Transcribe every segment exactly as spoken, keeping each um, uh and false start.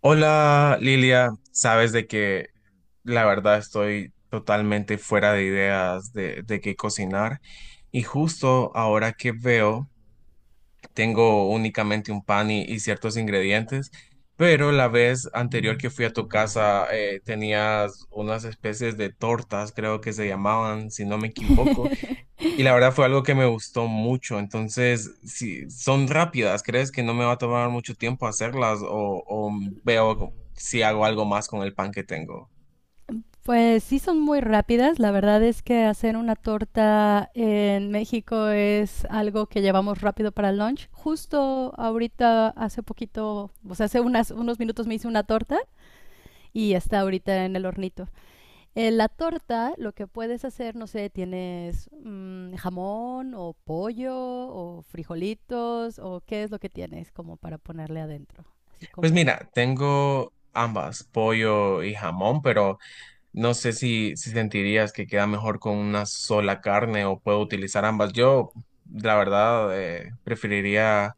Hola Lilia, sabes de que la verdad estoy totalmente fuera de ideas de, de qué cocinar y justo ahora que veo tengo únicamente un pan y, y ciertos ingredientes, pero la vez anterior que fui a tu casa eh, tenías unas especies de tortas, creo que se llamaban, si no me equivoco. Y la verdad fue algo que me gustó mucho. Entonces, si son rápidas, ¿crees que no me va a tomar mucho tiempo hacerlas o, o veo si hago algo más con el pan que tengo? Pues sí son muy rápidas, la verdad es que hacer una torta en México es algo que llevamos rápido para el lunch. Justo ahorita, hace poquito, o sea, hace unas- unos minutos me hice una torta y está ahorita en el hornito. Eh, la torta, lo que puedes hacer, no sé, tienes mm, jamón o pollo o frijolitos o qué es lo que tienes como para ponerle adentro, así Pues como. mira, tengo ambas, pollo y jamón, pero no sé si, si sentirías que queda mejor con una sola carne o puedo utilizar ambas. Yo, la verdad, eh, preferiría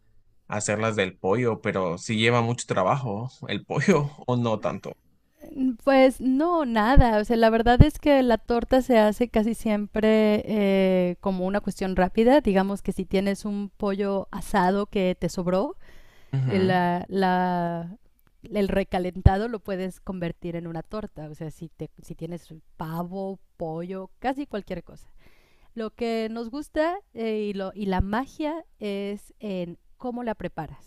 hacerlas del pollo, pero si lleva mucho trabajo el pollo o no tanto. Mm, pues no, nada. O sea, la verdad es que la torta se hace casi siempre eh, como una cuestión rápida. Digamos que si tienes un pollo asado que te sobró, eh, Ujú. la, la- el recalentado lo puedes convertir en una torta. O sea, si, te, si tienes pavo, pollo, casi cualquier cosa. Lo que nos gusta eh, y, lo, y la magia es en cómo la preparas.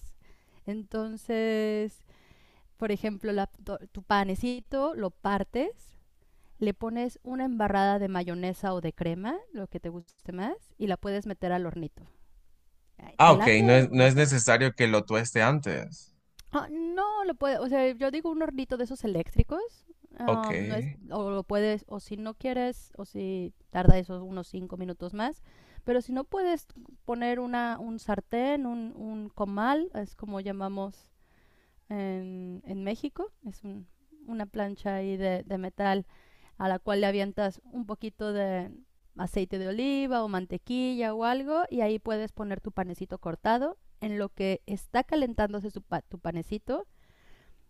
Entonces, por ejemplo, la- to- tu panecito lo partes, le pones una embarrada de mayonesa o de crema, lo que te guste más, y la puedes meter al hornito. Ay, Ah, ¿te ok, no late es, o no no es te late? necesario que lo tueste antes. Ah, no, lo puedes, o sea, yo digo un hornito de esos eléctricos. Ok. Ah, no es, o lo puedes, o si no quieres, o si tarda esos unos cinco minutos más, pero si no puedes poner una, un sartén, un, un comal, es como llamamos en, en México. Es un- una plancha ahí de, de metal a la cual le avientas un poquito de aceite de oliva o mantequilla o algo y ahí puedes poner tu panecito cortado. En lo que está calentándose su pa- tu panecito,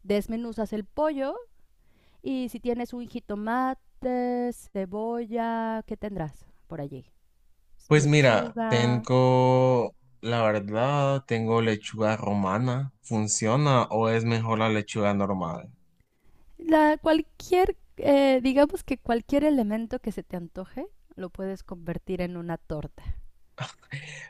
desmenuzas el pollo y si tienes un jitomate, cebolla, ¿qué tendrás por allí? Pues mira, Lechuga, tengo, la verdad, tengo lechuga romana. ¿Funciona o es mejor la lechuga normal? la cualquier, eh, digamos que cualquier elemento que se te antoje, lo puedes convertir en una torta.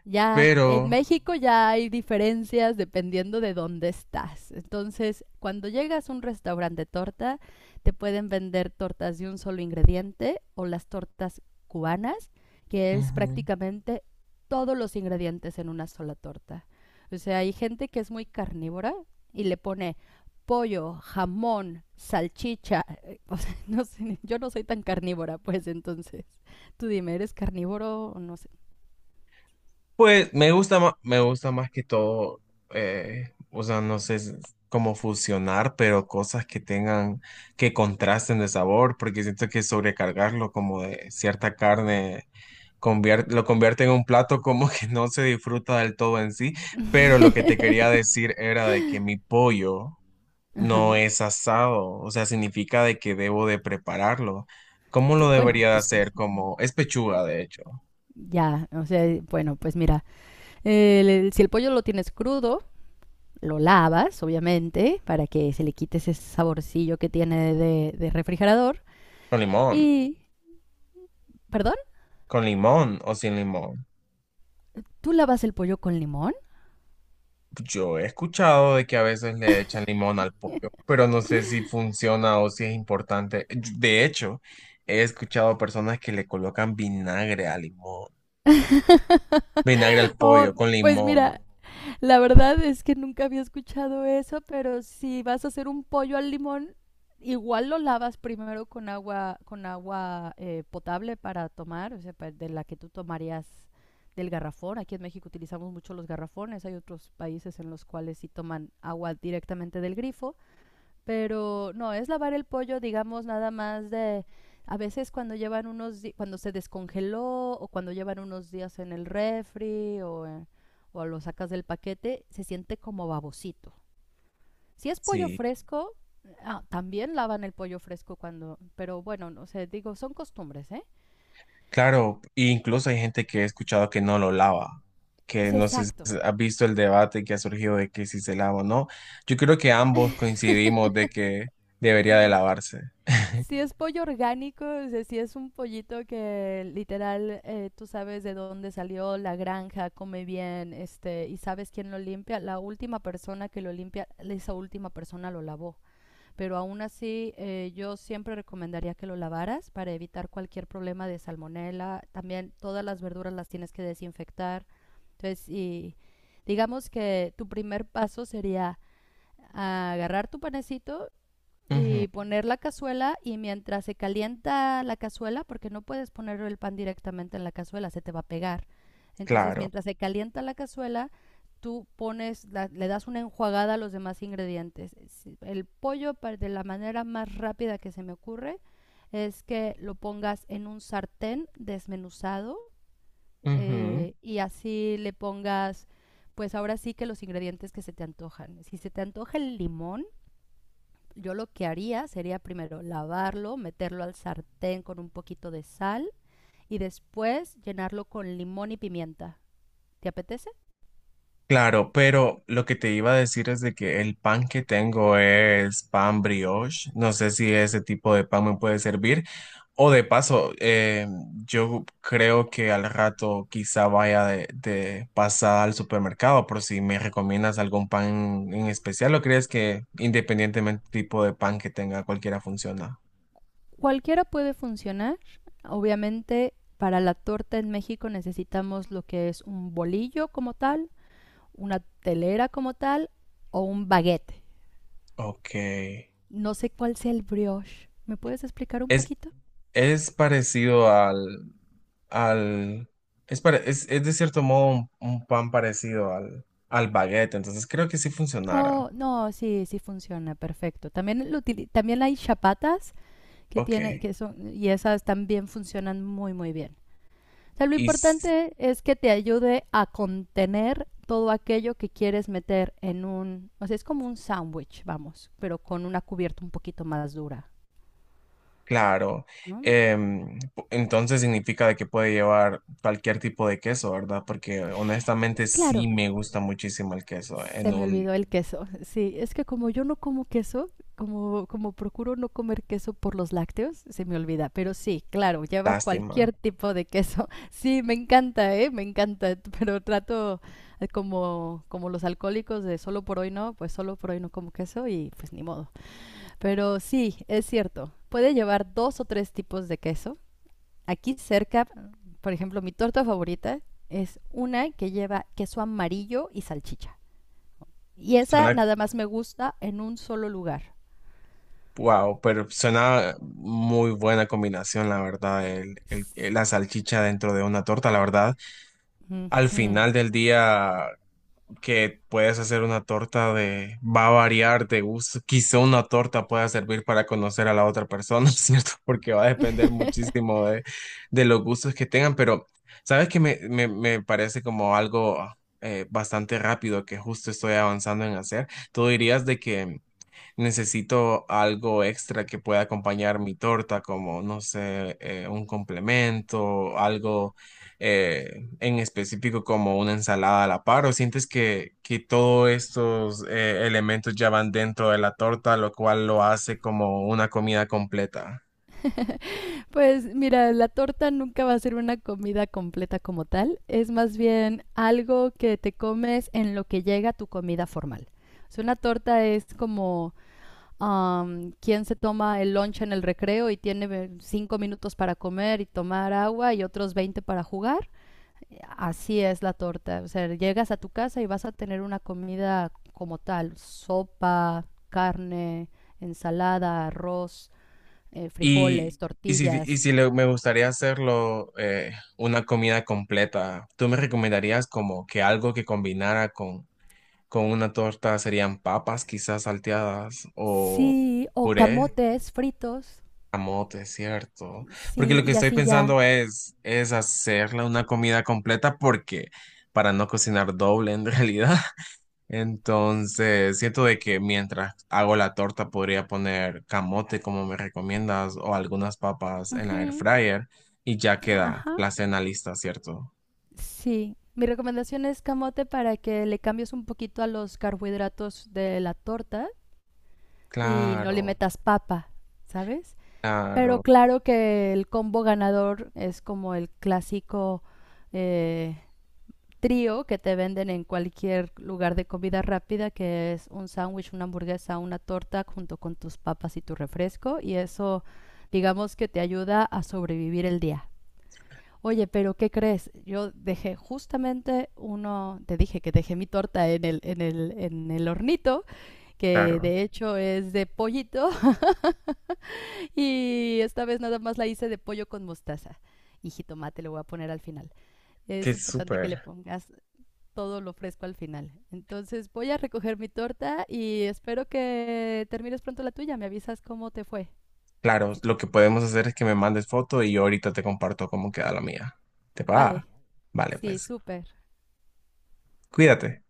Ya, en Pero, México ya hay diferencias dependiendo de dónde estás. Entonces, cuando llegas a un restaurante de torta, te pueden vender tortas de un solo ingrediente o las tortas cubanas, que es prácticamente todos los ingredientes en una sola torta. O sea, hay gente que es muy carnívora y le pone pollo, jamón, salchicha. O sea, no sé, yo no soy tan carnívora, pues entonces, tú dime, ¿eres carnívoro o no sé? pues me gusta más, me gusta más que todo, eh, o sea, no sé s- cómo fusionar, pero cosas que tengan, que contrasten de sabor, porque siento que sobrecargarlo como de cierta carne convier- lo convierte en un plato como que no se disfruta del todo en sí, pero lo que te quería decir era de que mi pollo no Ajá. es asado, o sea, significa de que debo de prepararlo. ¿Cómo Que, lo bueno, debería de pues hacer? Como es pechuga, de hecho, ya, o sea, bueno, pues mira, el- el- si el pollo lo tienes crudo, lo lavas, obviamente, para que se le quite ese saborcillo que tiene de, de refrigerador. con limón. Y, perdón, ¿Con limón o sin limón? ¿tú lavas el pollo con limón? Yo he escuchado de que a veces le echan limón al pollo, pero no sé si funciona o si es importante. Yo... De hecho, he escuchado personas que le colocan vinagre al limón, vinagre al Oh, pollo con pues limón. mira, la verdad es que nunca había escuchado eso, pero si vas a hacer un pollo al limón, igual lo lavas primero con agua, con agua eh, potable para tomar, o sea, pa- de la que tú tomarías del garrafón. Aquí en México utilizamos mucho los garrafones, hay otros países en los cuales sí toman agua directamente del grifo, pero no, es lavar el pollo, digamos, nada más de a veces cuando llevan unos di- cuando se descongeló o cuando llevan unos días en el refri o, eh, o lo sacas del paquete, se siente como babosito. Si es pollo Sí, fresco, ah, también lavan el pollo fresco cuando, pero bueno, no sé, digo, son costumbres, ¿eh? claro, e incluso hay gente que he escuchado que no lo lava, que Sí, no sé si exacto. has visto el debate que ha surgido de que si se lava o no. Yo creo que ambos coincidimos de que debería de lavarse. Si es pollo orgánico, o sea, si es un pollito que literal eh, tú sabes de dónde salió la granja, come bien, este, y sabes quién lo limpia, la última persona que lo limpia, esa última persona lo lavó. Pero aún así, eh, yo siempre recomendaría que lo lavaras para evitar cualquier problema de salmonela. También todas las verduras las tienes que desinfectar. Entonces, y digamos que tu primer paso sería agarrar tu panecito Ujú, y poner la cazuela y mientras se calienta la cazuela, porque no puedes poner el pan directamente en la cazuela, se te va a pegar. Entonces, claro. mientras se calienta la cazuela, tú pones, la- le das una enjuagada a los demás ingredientes. Si- El pollo, pa- de la manera más rápida que se me ocurre, es que lo pongas en un sartén desmenuzado Ujú. eh, y así le pongas, pues ahora sí que los ingredientes que se te antojan. Si se te antoja el limón, yo lo que haría sería primero lavarlo, meterlo al sartén con un poquito de sal y después llenarlo con limón y pimienta. ¿Te apetece? Claro, pero lo que te iba a decir es de que el pan que tengo es pan brioche. No sé si ese tipo de pan me puede servir. O de paso, eh, yo creo que al rato quizá vaya de, de pasada al supermercado por si me recomiendas algún pan en especial o crees que independientemente tipo de pan que tenga, cualquiera funciona. Cualquiera puede funcionar. Obviamente, para la torta en México necesitamos lo que es un bolillo como tal, una telera como tal o un baguete. Ok. No sé cuál sea el brioche. ¿Me puedes explicar un Es, poquito? es parecido al, al, es, pare- es, es de cierto modo un, un pan parecido al, al baguette, entonces creo que sí funcionará. Oh, no, sí, sí funciona, perfecto. También, lo util- también hay chapatas que Ok. tiene, que son, y esas también funcionan muy, muy bien. O sea, lo Y importante es que te ayude a contener todo aquello que quieres meter en un, o sea, es como un sándwich, vamos, pero con una cubierta un poquito más dura, claro, ¿no? em, pu- entonces significa de que puede llevar cualquier tipo de queso, ¿verdad? Porque honestamente sí Claro, me gusta muchísimo el queso, se en me olvidó un el queso. Sí, es que como yo no como queso, como, como procuro no comer queso por los lácteos, se me olvida. Pero sí, claro, lleva lástima. cualquier tipo de queso. Sí, me encanta, ¿eh? Me encanta. Pero trato eh, como, como los alcohólicos de solo por hoy no, pues solo por hoy no como queso y pues ni modo. Pero sí, es cierto. Puede llevar dos o tres tipos de queso. Aquí cerca, por ejemplo, mi torta favorita es una que lleva queso amarillo y salchicha. Y esa Suena, nada más me gusta en un solo lugar. wow, pero suena muy buena combinación, la verdad, el, el- la salchicha dentro de una torta, la verdad. Al Ujú. final del día que puedes hacer una torta de, va a variar de gusto. Quizá una torta pueda servir para conocer a la otra persona, ¿cierto? Porque va a depender muchísimo de, de los gustos que tengan, pero sabes que me, me, me parece como algo eh, bastante rápido que justo estoy avanzando en hacer. Tú dirías de que necesito algo extra que pueda acompañar mi torta, como, no sé, eh, un complemento, algo eh, en específico como una ensalada a la par, o sientes que, que todos estos eh, elementos ya van dentro de la torta, lo cual lo hace como una comida completa. Pues mira, la torta nunca va a ser una comida completa como tal, es más bien algo que te comes en lo que llega tu comida formal. O sea, una torta es como am, quien se toma el lunch en el recreo y tiene ve- cinco minutos para comer y tomar agua y otros veinte para jugar. Así es la torta. O sea, llegas a tu casa y vas a tener una comida como tal, sopa, carne, ensalada, arroz, eh, Y, frijoles, y si, y tortillas. si le- me gustaría hacerlo eh, una comida completa, ¿tú me recomendarías como que algo que combinara con una torta serían papas quizás salteadas o Sí, o puré, camotes fritos. camote, ¿cierto? Porque Sí, lo que y estoy así ya. pensando es, es hacerla una comida completa porque para no cocinar doble en realidad. Entonces, siento de que mientras hago la torta podría poner camote como me recomiendas o algunas papas en la air Ujú, fryer y ya queda ajá. la cena lista, ¿cierto? Sí. Mi recomendación es camote para que le cambies un poquito a los carbohidratos de la torta y no le Claro, metas papa, ¿sabes? Pero claro, claro que el combo ganador es como el clásico eh, trío que te venden en cualquier lugar de comida rápida, que es un sándwich, una hamburguesa, una torta junto con tus papas y tu refresco. Y eso, digamos que te ayuda a sobrevivir el día. Oye, pero ¿qué crees? Yo dejé justamente uno, te dije que dejé mi torta en el, en el, en el hornito, que claro. de hecho es de pollito y esta vez nada más la hice de pollo con mostaza y jitomate le voy a poner al final. Qué Es importante que le súper. pongas todo lo fresco al final. Entonces voy a recoger mi torta y espero que termines pronto la tuya. Me avisas cómo te fue. Claro, Si te- lo que podemos hacer es que me mandes foto y yo ahorita te comparto cómo queda la mía. ¿Te va? Vale, Vale, sí, pues, súper. cuídate.